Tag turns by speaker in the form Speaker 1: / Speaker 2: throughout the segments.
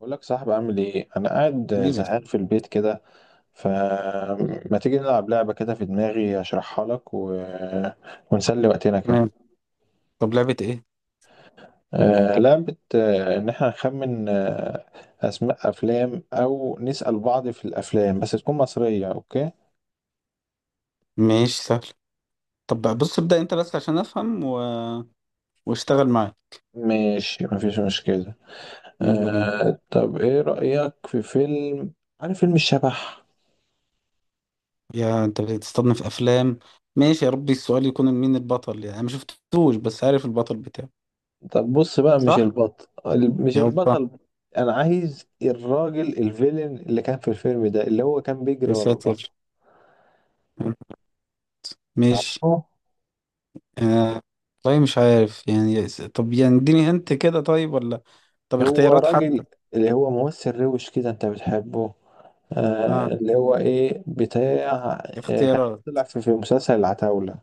Speaker 1: بقول لك صاحبي، عامل ايه؟ انا قاعد
Speaker 2: نيبل.
Speaker 1: زهقان في البيت كده. فما تيجي نلعب لعبة كده في دماغي اشرحها لك ونسلي وقتنا كده.
Speaker 2: تمام. طب لعبة ايه؟
Speaker 1: لعبة، ان احنا نخمن اسماء افلام او نسأل بعض في الافلام، بس تكون مصرية. اوكي،
Speaker 2: ماشي سهل. طب بقى بص ابدأ انت بس عشان افهم واشتغل معايا.
Speaker 1: ماشي، مفيش مشكلة.
Speaker 2: يلا بينا.
Speaker 1: طب ايه رأيك في فيلم؟ عارف فيلم الشبح؟
Speaker 2: يا انت بتستضنف افلام. ماشي يا ربي، السؤال يكون مين البطل، يعني انا ما شفتوش بس عارف البطل بتاعه.
Speaker 1: طب بص بقى، مش
Speaker 2: صح؟
Speaker 1: البطل مش
Speaker 2: يا رب.
Speaker 1: البطل. انا عايز الراجل الفيلن اللي كان في الفيلم ده، اللي هو كان بيجري
Speaker 2: يا
Speaker 1: ورا البطل.
Speaker 2: ساتر. ماشي.
Speaker 1: تعرفه؟
Speaker 2: آه... طيب مش عارف يعني طب يعني اديني هنت كده، طيب ولا طب
Speaker 1: هو
Speaker 2: اختيارات
Speaker 1: راجل،
Speaker 2: حتى.
Speaker 1: اللي هو ممثل روش كده انت بتحبه.
Speaker 2: اه.
Speaker 1: اللي هو ايه، بتاع. كان
Speaker 2: اختيارات.
Speaker 1: طلع في مسلسل العتاولة.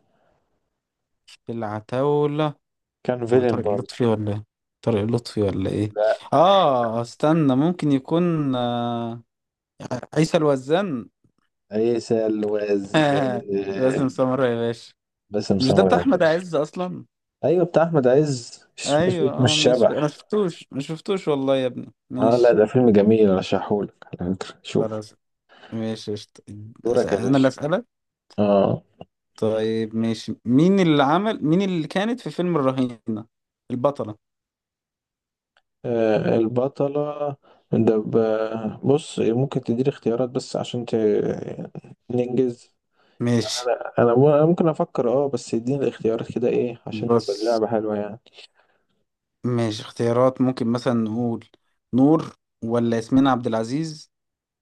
Speaker 2: العتاولة.
Speaker 1: كان
Speaker 2: هو
Speaker 1: فيلن
Speaker 2: طارق
Speaker 1: برضه.
Speaker 2: اللطفي ولا ايه؟ طارق اللطفي ولا ايه؟
Speaker 1: لا.
Speaker 2: اه استنى ممكن يكون. عيسى الوزان.
Speaker 1: عيسى الواز.
Speaker 2: باسم
Speaker 1: آه.
Speaker 2: سمرة يا باشا.
Speaker 1: باسم
Speaker 2: مش ده
Speaker 1: سمرة،
Speaker 2: بتاع احمد
Speaker 1: عباس.
Speaker 2: عز اصلا؟
Speaker 1: ايوه بتاع احمد عز، مش.
Speaker 2: ايوه
Speaker 1: مش
Speaker 2: اه ماشي انا
Speaker 1: شبح.
Speaker 2: شفتوش ما شفتوش والله يا ابني
Speaker 1: اه لا،
Speaker 2: ماشي.
Speaker 1: ده فيلم جميل ارشحهولك على فكرة. شوف.
Speaker 2: خلاص. ماشي قشطة.
Speaker 1: دورك يا
Speaker 2: انا اللي
Speaker 1: باشا.
Speaker 2: اسالك.
Speaker 1: اه.
Speaker 2: طيب ماشي، مين اللي كانت في فيلم الرهينة، البطلة.
Speaker 1: البطلة. ده بص، ممكن تديني اختيارات بس عشان ننجز. يعني
Speaker 2: ماشي.
Speaker 1: أنا ممكن افكر، اه، بس اديني الاختيارات كده ايه عشان يبقى
Speaker 2: بص.
Speaker 1: اللعبة حلوة يعني.
Speaker 2: ماشي اختيارات، ممكن مثلا نقول: نور ولا ياسمين عبد العزيز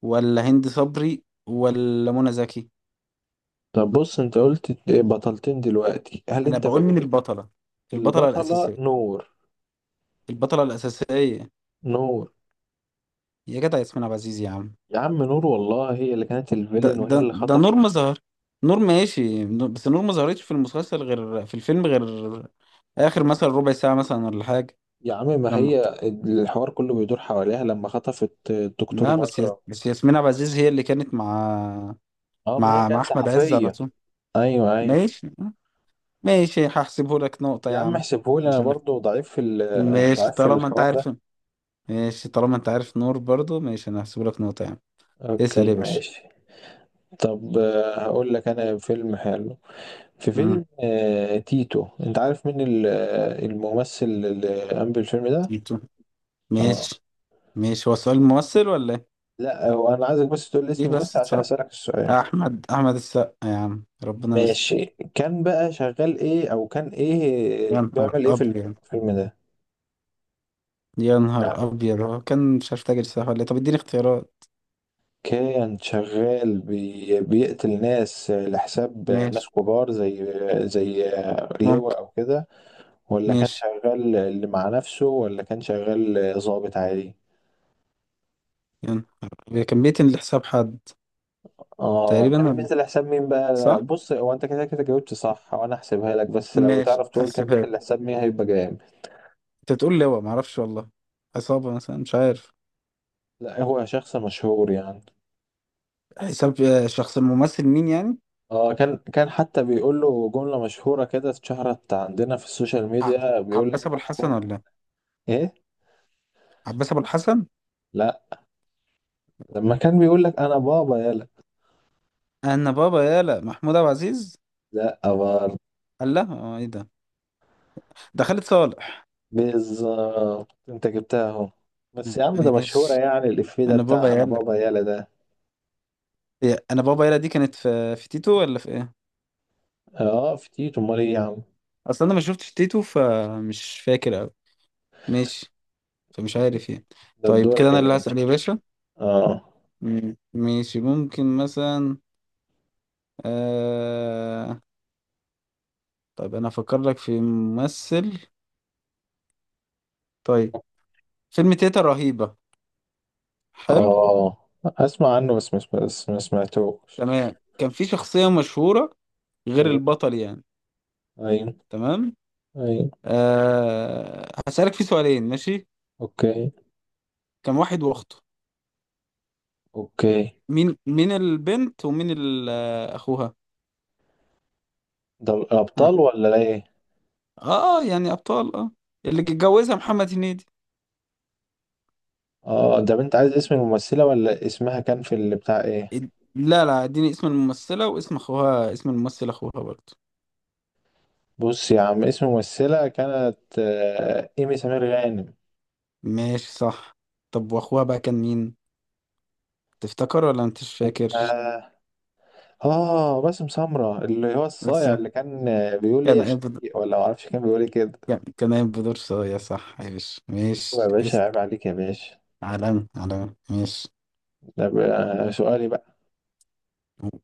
Speaker 2: ولا هند صبري ولا منى زكي.
Speaker 1: طب بص، انت قلت بطلتين دلوقتي، هل
Speaker 2: انا
Speaker 1: انت
Speaker 2: بقول مين البطله؟ البطله
Speaker 1: البطلة
Speaker 2: الاساسيه.
Speaker 1: نور.
Speaker 2: البطله الاساسيه.
Speaker 1: نور،
Speaker 2: يا جدع، ياسمين عبد العزيز يا عم.
Speaker 1: يا عم نور والله، هي اللي كانت
Speaker 2: ده
Speaker 1: الفيلن وهي
Speaker 2: ده
Speaker 1: اللي
Speaker 2: ده نور
Speaker 1: خطفت.
Speaker 2: ما ظهر. نور ماشي، بس نور ما ظهرتش في المسلسل غير في الفيلم، غير اخر مثلا ربع ساعه مثلا ولا حاجه.
Speaker 1: يا عم، ما
Speaker 2: لما بت...
Speaker 1: هي الحوار كله بيدور حواليها لما خطفت الدكتور
Speaker 2: لا،
Speaker 1: مكرم.
Speaker 2: بس ياسمين عبد العزيز هي اللي كانت مع
Speaker 1: اه ما هي كانت
Speaker 2: احمد عز على
Speaker 1: صحفية.
Speaker 2: طول.
Speaker 1: ايوه ايوه.
Speaker 2: ماشي. ماشي هحسبه لك نقطه
Speaker 1: يا
Speaker 2: يا
Speaker 1: عم
Speaker 2: عم.
Speaker 1: احسبهولي، انا
Speaker 2: مش انا.
Speaker 1: برضو ضعيف في
Speaker 2: ماشي
Speaker 1: ضعيف في
Speaker 2: طالما انت
Speaker 1: الحوار ده.
Speaker 2: عارف. ماشي طالما انت عارف، نور برضو ماشي، انا هحسب لك نقطة يعني. اسأل يا
Speaker 1: اوكي
Speaker 2: باشا.
Speaker 1: ماشي. طب هقول لك انا فيلم حلو. في
Speaker 2: مم.
Speaker 1: فيلم تيتو، انت عارف مين الممثل اللي قام بالفيلم ده؟
Speaker 2: تيتو.
Speaker 1: اه.
Speaker 2: ماشي. ماشي هو سؤال ممثل ولا ايه؟
Speaker 1: لا، هو انا عايزك بس تقول لي اسم
Speaker 2: ليه
Speaker 1: الممثل
Speaker 2: بس
Speaker 1: عشان
Speaker 2: صعب.
Speaker 1: اسالك السؤال.
Speaker 2: احمد السقا يا عم، ربنا
Speaker 1: ماشي.
Speaker 2: يستر.
Speaker 1: كان بقى شغال ايه، او كان ايه
Speaker 2: يا نهار
Speaker 1: بيعمل ايه في
Speaker 2: ابيض.
Speaker 1: الفيلم ده؟
Speaker 2: يا نهار
Speaker 1: يعني
Speaker 2: ابيض، هو كان مش عارف، تاجر سلاح ولا ايه؟ طب اديني اختيارات.
Speaker 1: كان شغال بيقتل ناس لحساب
Speaker 2: ماشي.
Speaker 1: ناس كبار، زي، زي
Speaker 2: ممكن.
Speaker 1: لواء او كده. ولا كان
Speaker 2: ماشي.
Speaker 1: شغال اللي مع نفسه، ولا كان شغال ضابط عادي؟
Speaker 2: يا نهار أبيض. كان بيتن لحساب حد.
Speaker 1: اه
Speaker 2: تقريبا
Speaker 1: كان
Speaker 2: ولا؟
Speaker 1: بينزل لحساب مين بقى؟
Speaker 2: صح.
Speaker 1: بص، هو انت كده كده جاوبت صح وانا هحسبها لك، بس لو
Speaker 2: ماشي
Speaker 1: تعرف تقول كان
Speaker 2: هحسبها
Speaker 1: بينزل
Speaker 2: لك.
Speaker 1: لحساب مين هيبقى جامد.
Speaker 2: انت تقول لي هو معرفش والله. عصابة مثلا مش عارف.
Speaker 1: لا، هو شخص مشهور يعني.
Speaker 2: حساب، شخص، الممثل مين يعني.
Speaker 1: اه، كان حتى بيقول له جملة مشهورة كده، اتشهرت عندنا في السوشيال
Speaker 2: ع-
Speaker 1: ميديا، بيقول لك
Speaker 2: عباس
Speaker 1: انا
Speaker 2: ابو الحسن
Speaker 1: بابا.
Speaker 2: ولا
Speaker 1: ايه؟
Speaker 2: عباس ابو الحسن.
Speaker 1: لا، لما كان بيقول لك انا بابا يلا.
Speaker 2: انا بابا يالا محمود عبد العزيز.
Speaker 1: لا برضه.
Speaker 2: قال لها ايه ده؟ ده خالد صالح.
Speaker 1: بالظبط، انت جبتها اهو. بس يا عم، ده مشهورة
Speaker 2: ماشي.
Speaker 1: يعني، الإفيه ده
Speaker 2: انا بابا
Speaker 1: بتاع أنا
Speaker 2: يالا.
Speaker 1: بابا يالا ده.
Speaker 2: إيه، انا بابا يالا دي كانت في تيتو ولا في ايه؟
Speaker 1: اه في تيتو، أمال إيه يا عم؟
Speaker 2: اصلا انا ما شفتش تيتو، فمش فاكر قوي. ماشي. فمش عارف يعني.
Speaker 1: ده
Speaker 2: طيب كده
Speaker 1: بدورك يا
Speaker 2: انا اللي
Speaker 1: باشا.
Speaker 2: هسأل يا باشا.
Speaker 1: اه.
Speaker 2: مم. ماشي ممكن مثلا آه... طيب انا افكر لك في ممثل. طيب فيلم تيتا رهيبة. حلو.
Speaker 1: اه أسمع عنه بس بس ما سمعتوش.
Speaker 2: تمام كان في شخصية مشهورة غير
Speaker 1: أيوه
Speaker 2: البطل يعني.
Speaker 1: أيوه
Speaker 2: تمام.
Speaker 1: أيوه.
Speaker 2: هسألك في سؤالين ماشي.
Speaker 1: أوكي
Speaker 2: كم واحد واخته.
Speaker 1: أوكي.
Speaker 2: مين البنت ومين اخوها.
Speaker 1: ده
Speaker 2: ها.
Speaker 1: الأبطال ولا إيه؟
Speaker 2: اه يعني ابطال اه. اللي اتجوزها محمد هنيدي.
Speaker 1: اه، ده أنت عايز اسم الممثلة ولا اسمها كان في اللي بتاع إيه؟
Speaker 2: إد- لا لا اديني اسم الممثلة واسم اخوها، اسم الممثل اخوها برضه.
Speaker 1: بص يا عم، اسم الممثلة كانت إيمي سمير غانم.
Speaker 2: ماشي صح. طب واخوها بقى كان مين؟ تفتكر ولا انت مش فاكر؟
Speaker 1: آه. اه، باسم سمرة، اللي هو
Speaker 2: بس
Speaker 1: الصايع، اللي كان بيقول ايه
Speaker 2: كان
Speaker 1: يا
Speaker 2: قايم بدور،
Speaker 1: شقيق، ولا معرفش كان بيقول ايه كده.
Speaker 2: كان قايم بدور صايع، صح يا باشا،
Speaker 1: طب يا
Speaker 2: ماشي
Speaker 1: باشا،
Speaker 2: اسأل.
Speaker 1: عيب عليك يا باشا.
Speaker 2: علم علم ماشي.
Speaker 1: ده بقى سؤالي بقى.
Speaker 2: قول.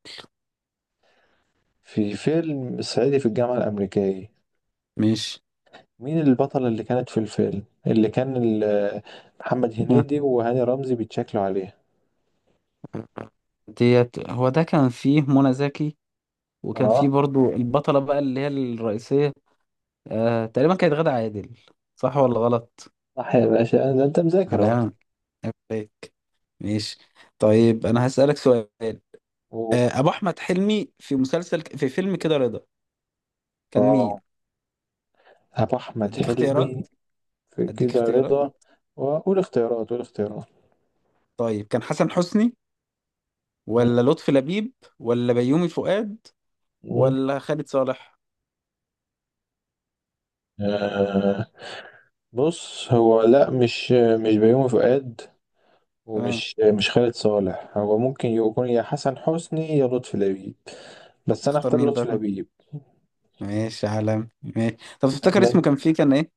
Speaker 1: في فيلم صعيدي في الجامعة الأمريكية،
Speaker 2: ماشي.
Speaker 1: مين البطلة اللي كانت في الفيلم، اللي كان محمد هنيدي وهاني رمزي بيتشكلوا عليها؟
Speaker 2: ديت هو ده كان فيه منى زكي، وكان فيه
Speaker 1: اه.
Speaker 2: برضو البطلة بقى اللي هي الرئيسية. آه تقريبا كانت غادة عادل. صح ولا غلط؟
Speaker 1: صح يا باشا، ده انت مذاكر اهو.
Speaker 2: على عليك. ماشي. طيب أنا هسألك سؤال.
Speaker 1: و-
Speaker 2: أبو أحمد حلمي في مسلسل في فيلم كده رضا، كان مين؟
Speaker 1: اه، أبو أحمد
Speaker 2: أديك اختيارات.
Speaker 1: حلمي في
Speaker 2: أديك
Speaker 1: كده
Speaker 2: اختيارات.
Speaker 1: رضا. وقول اختيارات، قول اختيارات.
Speaker 2: طيب كان حسن حسني
Speaker 1: مم.
Speaker 2: ولا لطفي لبيب ولا بيومي فؤاد ولا خالد صالح؟
Speaker 1: مم. بص هو، لا، مش بيومي فؤاد،
Speaker 2: تمام.
Speaker 1: ومش مش خالد صالح. هو ممكن يكون يا حسن حسني يا لطفي لبيب،
Speaker 2: طب
Speaker 1: بس انا
Speaker 2: تختار
Speaker 1: اختار
Speaker 2: مين
Speaker 1: لطفي
Speaker 2: بقى؟
Speaker 1: لبيب.
Speaker 2: ماشي عالم ماشي. طب
Speaker 1: بحب
Speaker 2: تفتكر اسمه
Speaker 1: من.
Speaker 2: كان فيه كان إيه؟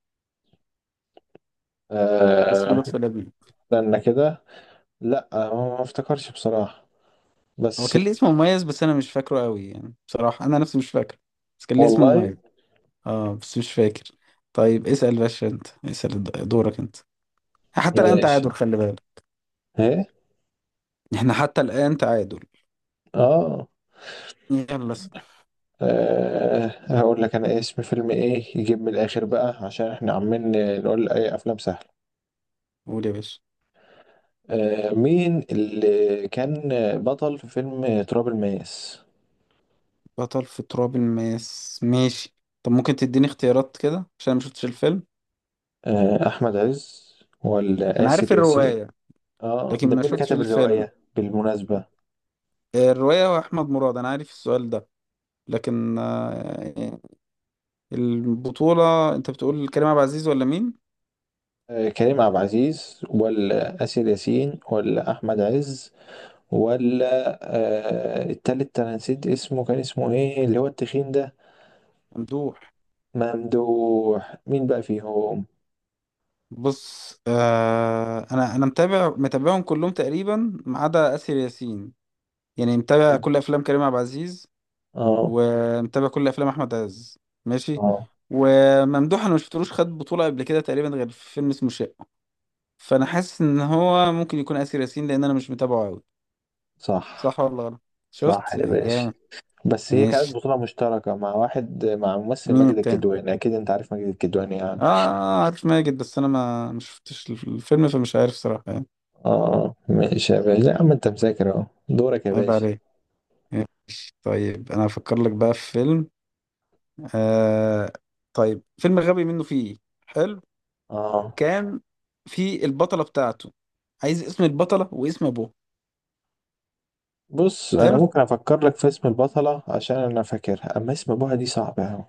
Speaker 2: اسم
Speaker 1: آه
Speaker 2: لطفي لبيب.
Speaker 1: استنى كده. لا، ما افتكرش بصراحة،
Speaker 2: هو
Speaker 1: بس.
Speaker 2: كان ليه اسم مميز بس انا مش فاكره قوي، يعني بصراحة انا نفسي مش فاكره. بس كان ليه اسم
Speaker 1: والله.
Speaker 2: مميز. اه بس مش فاكر. طيب اسأل باشا، انت اسأل دورك انت. حتى الآن
Speaker 1: ماشي
Speaker 2: تعادل، خلي بالك.
Speaker 1: ايه.
Speaker 2: احنا حتى الآن تعادل.
Speaker 1: اه.
Speaker 2: يلا اسأل.
Speaker 1: هقول لك انا اسم فيلم ايه يجيب من الاخر بقى، عشان احنا عمالين نقول اي افلام سهلة.
Speaker 2: قول يا باشا.
Speaker 1: مين اللي كان بطل في فيلم تراب الماس؟
Speaker 2: بطل في تراب الماس، ماشي. طب ممكن تديني اختيارات كده عشان ما شفتش الفيلم.
Speaker 1: أحمد عز ولا
Speaker 2: انا
Speaker 1: آسر
Speaker 2: عارف
Speaker 1: ياسين؟
Speaker 2: الرواية.
Speaker 1: اه
Speaker 2: لكن
Speaker 1: ده
Speaker 2: ما
Speaker 1: مين اللي
Speaker 2: شفتش
Speaker 1: كتب
Speaker 2: الفيلم.
Speaker 1: الرواية بالمناسبة؟
Speaker 2: الرواية هو احمد مراد، انا عارف السؤال ده، لكن البطولة، انت بتقول كريم عبد العزيز ولا مين؟
Speaker 1: كريم عبد العزيز ولا آسر ياسين ولا أحمد عز، ولا التالت، أنا نسيت اسمه، كان اسمه إيه اللي هو التخين ده؟
Speaker 2: ممدوح.
Speaker 1: ممدوح، مين بقى فيهم؟
Speaker 2: بص انا متابعهم كلهم تقريبا، ما عدا اسر ياسين. يعني متابع كل افلام كريم عبد العزيز،
Speaker 1: اه.
Speaker 2: ومتابع كل افلام احمد عز. ماشي.
Speaker 1: اه.
Speaker 2: وممدوح انا ما شفتلوش خد بطوله قبل كده تقريبا، غير في فيلم اسمه شقه. فانا حاسس ان هو ممكن يكون اسر ياسين، لان انا مش متابعه قوي.
Speaker 1: صح،
Speaker 2: صح ولا غلط؟
Speaker 1: صح
Speaker 2: شفت
Speaker 1: يا باشا.
Speaker 2: جامد.
Speaker 1: بس هي كانت
Speaker 2: ماشي.
Speaker 1: بطولة مشتركة مع واحد، مع ممثل
Speaker 2: مين
Speaker 1: ماجد
Speaker 2: التاني؟
Speaker 1: الكدواني، أكيد أنت عارف ماجد الكدواني يعني.
Speaker 2: اه عارف ماجد، بس انا ما شفتش الفيلم فمش عارف صراحه يعني.
Speaker 1: اه ماشي يا باشا، لا يا عم، انت مذاكر اهو. دورك يا
Speaker 2: عيب
Speaker 1: باشا.
Speaker 2: عليك. ماشي. طيب انا هفكر لك بقى في فيلم، آه طيب فيلم غبي منه فيه. حلو.
Speaker 1: اه،
Speaker 2: كان في البطلة بتاعته، عايز اسم البطلة واسم ابوها.
Speaker 1: بص، انا
Speaker 2: حلو.
Speaker 1: ممكن افكر لك في اسم البطلة عشان انا فاكرها، اما اسم ابوها دي صعبة اوي.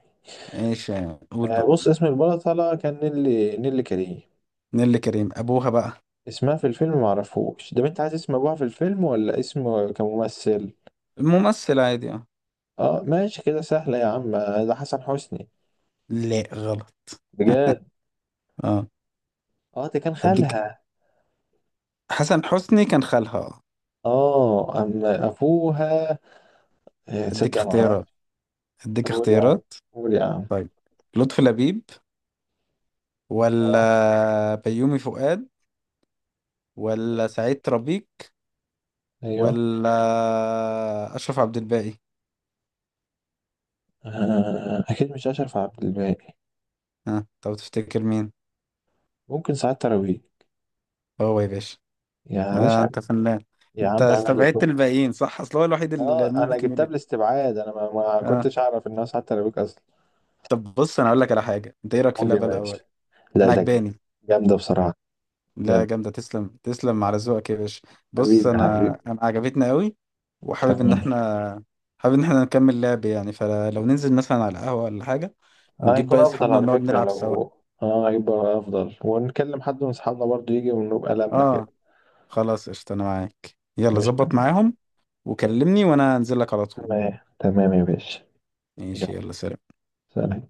Speaker 2: ايش. قول بقى.
Speaker 1: بص، اسم البطلة كان نيلي كريم.
Speaker 2: نيللي كريم. ابوها بقى؟
Speaker 1: اسمها في الفيلم معرفوش. ده انت عايز اسم ابوها في الفيلم ولا اسم كممثل؟
Speaker 2: ممثل عادي اه.
Speaker 1: اه ماشي كده سهلة يا عم، ده حسن حسني.
Speaker 2: لا غلط.
Speaker 1: بجد؟
Speaker 2: اه.
Speaker 1: اه، ده كان
Speaker 2: اديك.
Speaker 1: خالها.
Speaker 2: حسن حسني كان خالها اه.
Speaker 1: اه اما ابوها،
Speaker 2: اديك
Speaker 1: تصدق انا
Speaker 2: اختيارات.
Speaker 1: معرفش.
Speaker 2: اديك
Speaker 1: قول يا عم
Speaker 2: اختيارات.
Speaker 1: قول يا عم.
Speaker 2: طيب لطفي لبيب
Speaker 1: اه.
Speaker 2: ولا بيومي فؤاد ولا سعيد ربيك
Speaker 1: ايوه.
Speaker 2: ولا اشرف عبد الباقي.
Speaker 1: أكيد مش أشرف عبد الباقي.
Speaker 2: ها طب تفتكر مين؟
Speaker 1: ممكن سعاد تراويح.
Speaker 2: هو يا باشا.
Speaker 1: يا باشا
Speaker 2: انت فنان.
Speaker 1: يا
Speaker 2: انت
Speaker 1: عم عيب عليك
Speaker 2: استبعدت
Speaker 1: بقى.
Speaker 2: الباقيين صح، اصل هو الوحيد اللي
Speaker 1: أنا
Speaker 2: ممكن يقول
Speaker 1: جبتها
Speaker 2: إيه.
Speaker 1: بالاستبعاد، أنا ما
Speaker 2: اه.
Speaker 1: كنتش أعرف إنها سعاد تراويح أصلا.
Speaker 2: طب بص انا اقول لك على حاجه، انت ايه رايك في
Speaker 1: قول يا
Speaker 2: اللعبه
Speaker 1: باشا.
Speaker 2: الاول؟
Speaker 1: لا
Speaker 2: انا
Speaker 1: ده.
Speaker 2: عجباني.
Speaker 1: جامدة بصراحة.
Speaker 2: لا
Speaker 1: جامدة.
Speaker 2: جامده، تسلم تسلم على ذوقك يا باشا. بص
Speaker 1: حبيبي
Speaker 2: انا
Speaker 1: حبيبي.
Speaker 2: انا عجبتنا قوي. وحابب ان
Speaker 1: تمام.
Speaker 2: احنا حابب ان احنا نكمل لعب يعني، فلو ننزل مثلا على القهوه ولا حاجه ونجيب
Speaker 1: هيكون
Speaker 2: باقي
Speaker 1: أفضل
Speaker 2: اصحابنا
Speaker 1: على
Speaker 2: ونقعد
Speaker 1: فكرة
Speaker 2: نلعب سوا.
Speaker 1: لو، هيبقى أفضل ونكلم حد من أصحابنا برضه يجي ونبقى لمة كده.
Speaker 2: اه. خلاص قشطه، انا معاك، يلا
Speaker 1: ماشي
Speaker 2: ظبط
Speaker 1: تمام.
Speaker 2: معاهم وكلمني وانا انزل لك على طول.
Speaker 1: تمام تمام يا باشا.
Speaker 2: ماشي
Speaker 1: يلا.
Speaker 2: يلا سلام.
Speaker 1: سلام.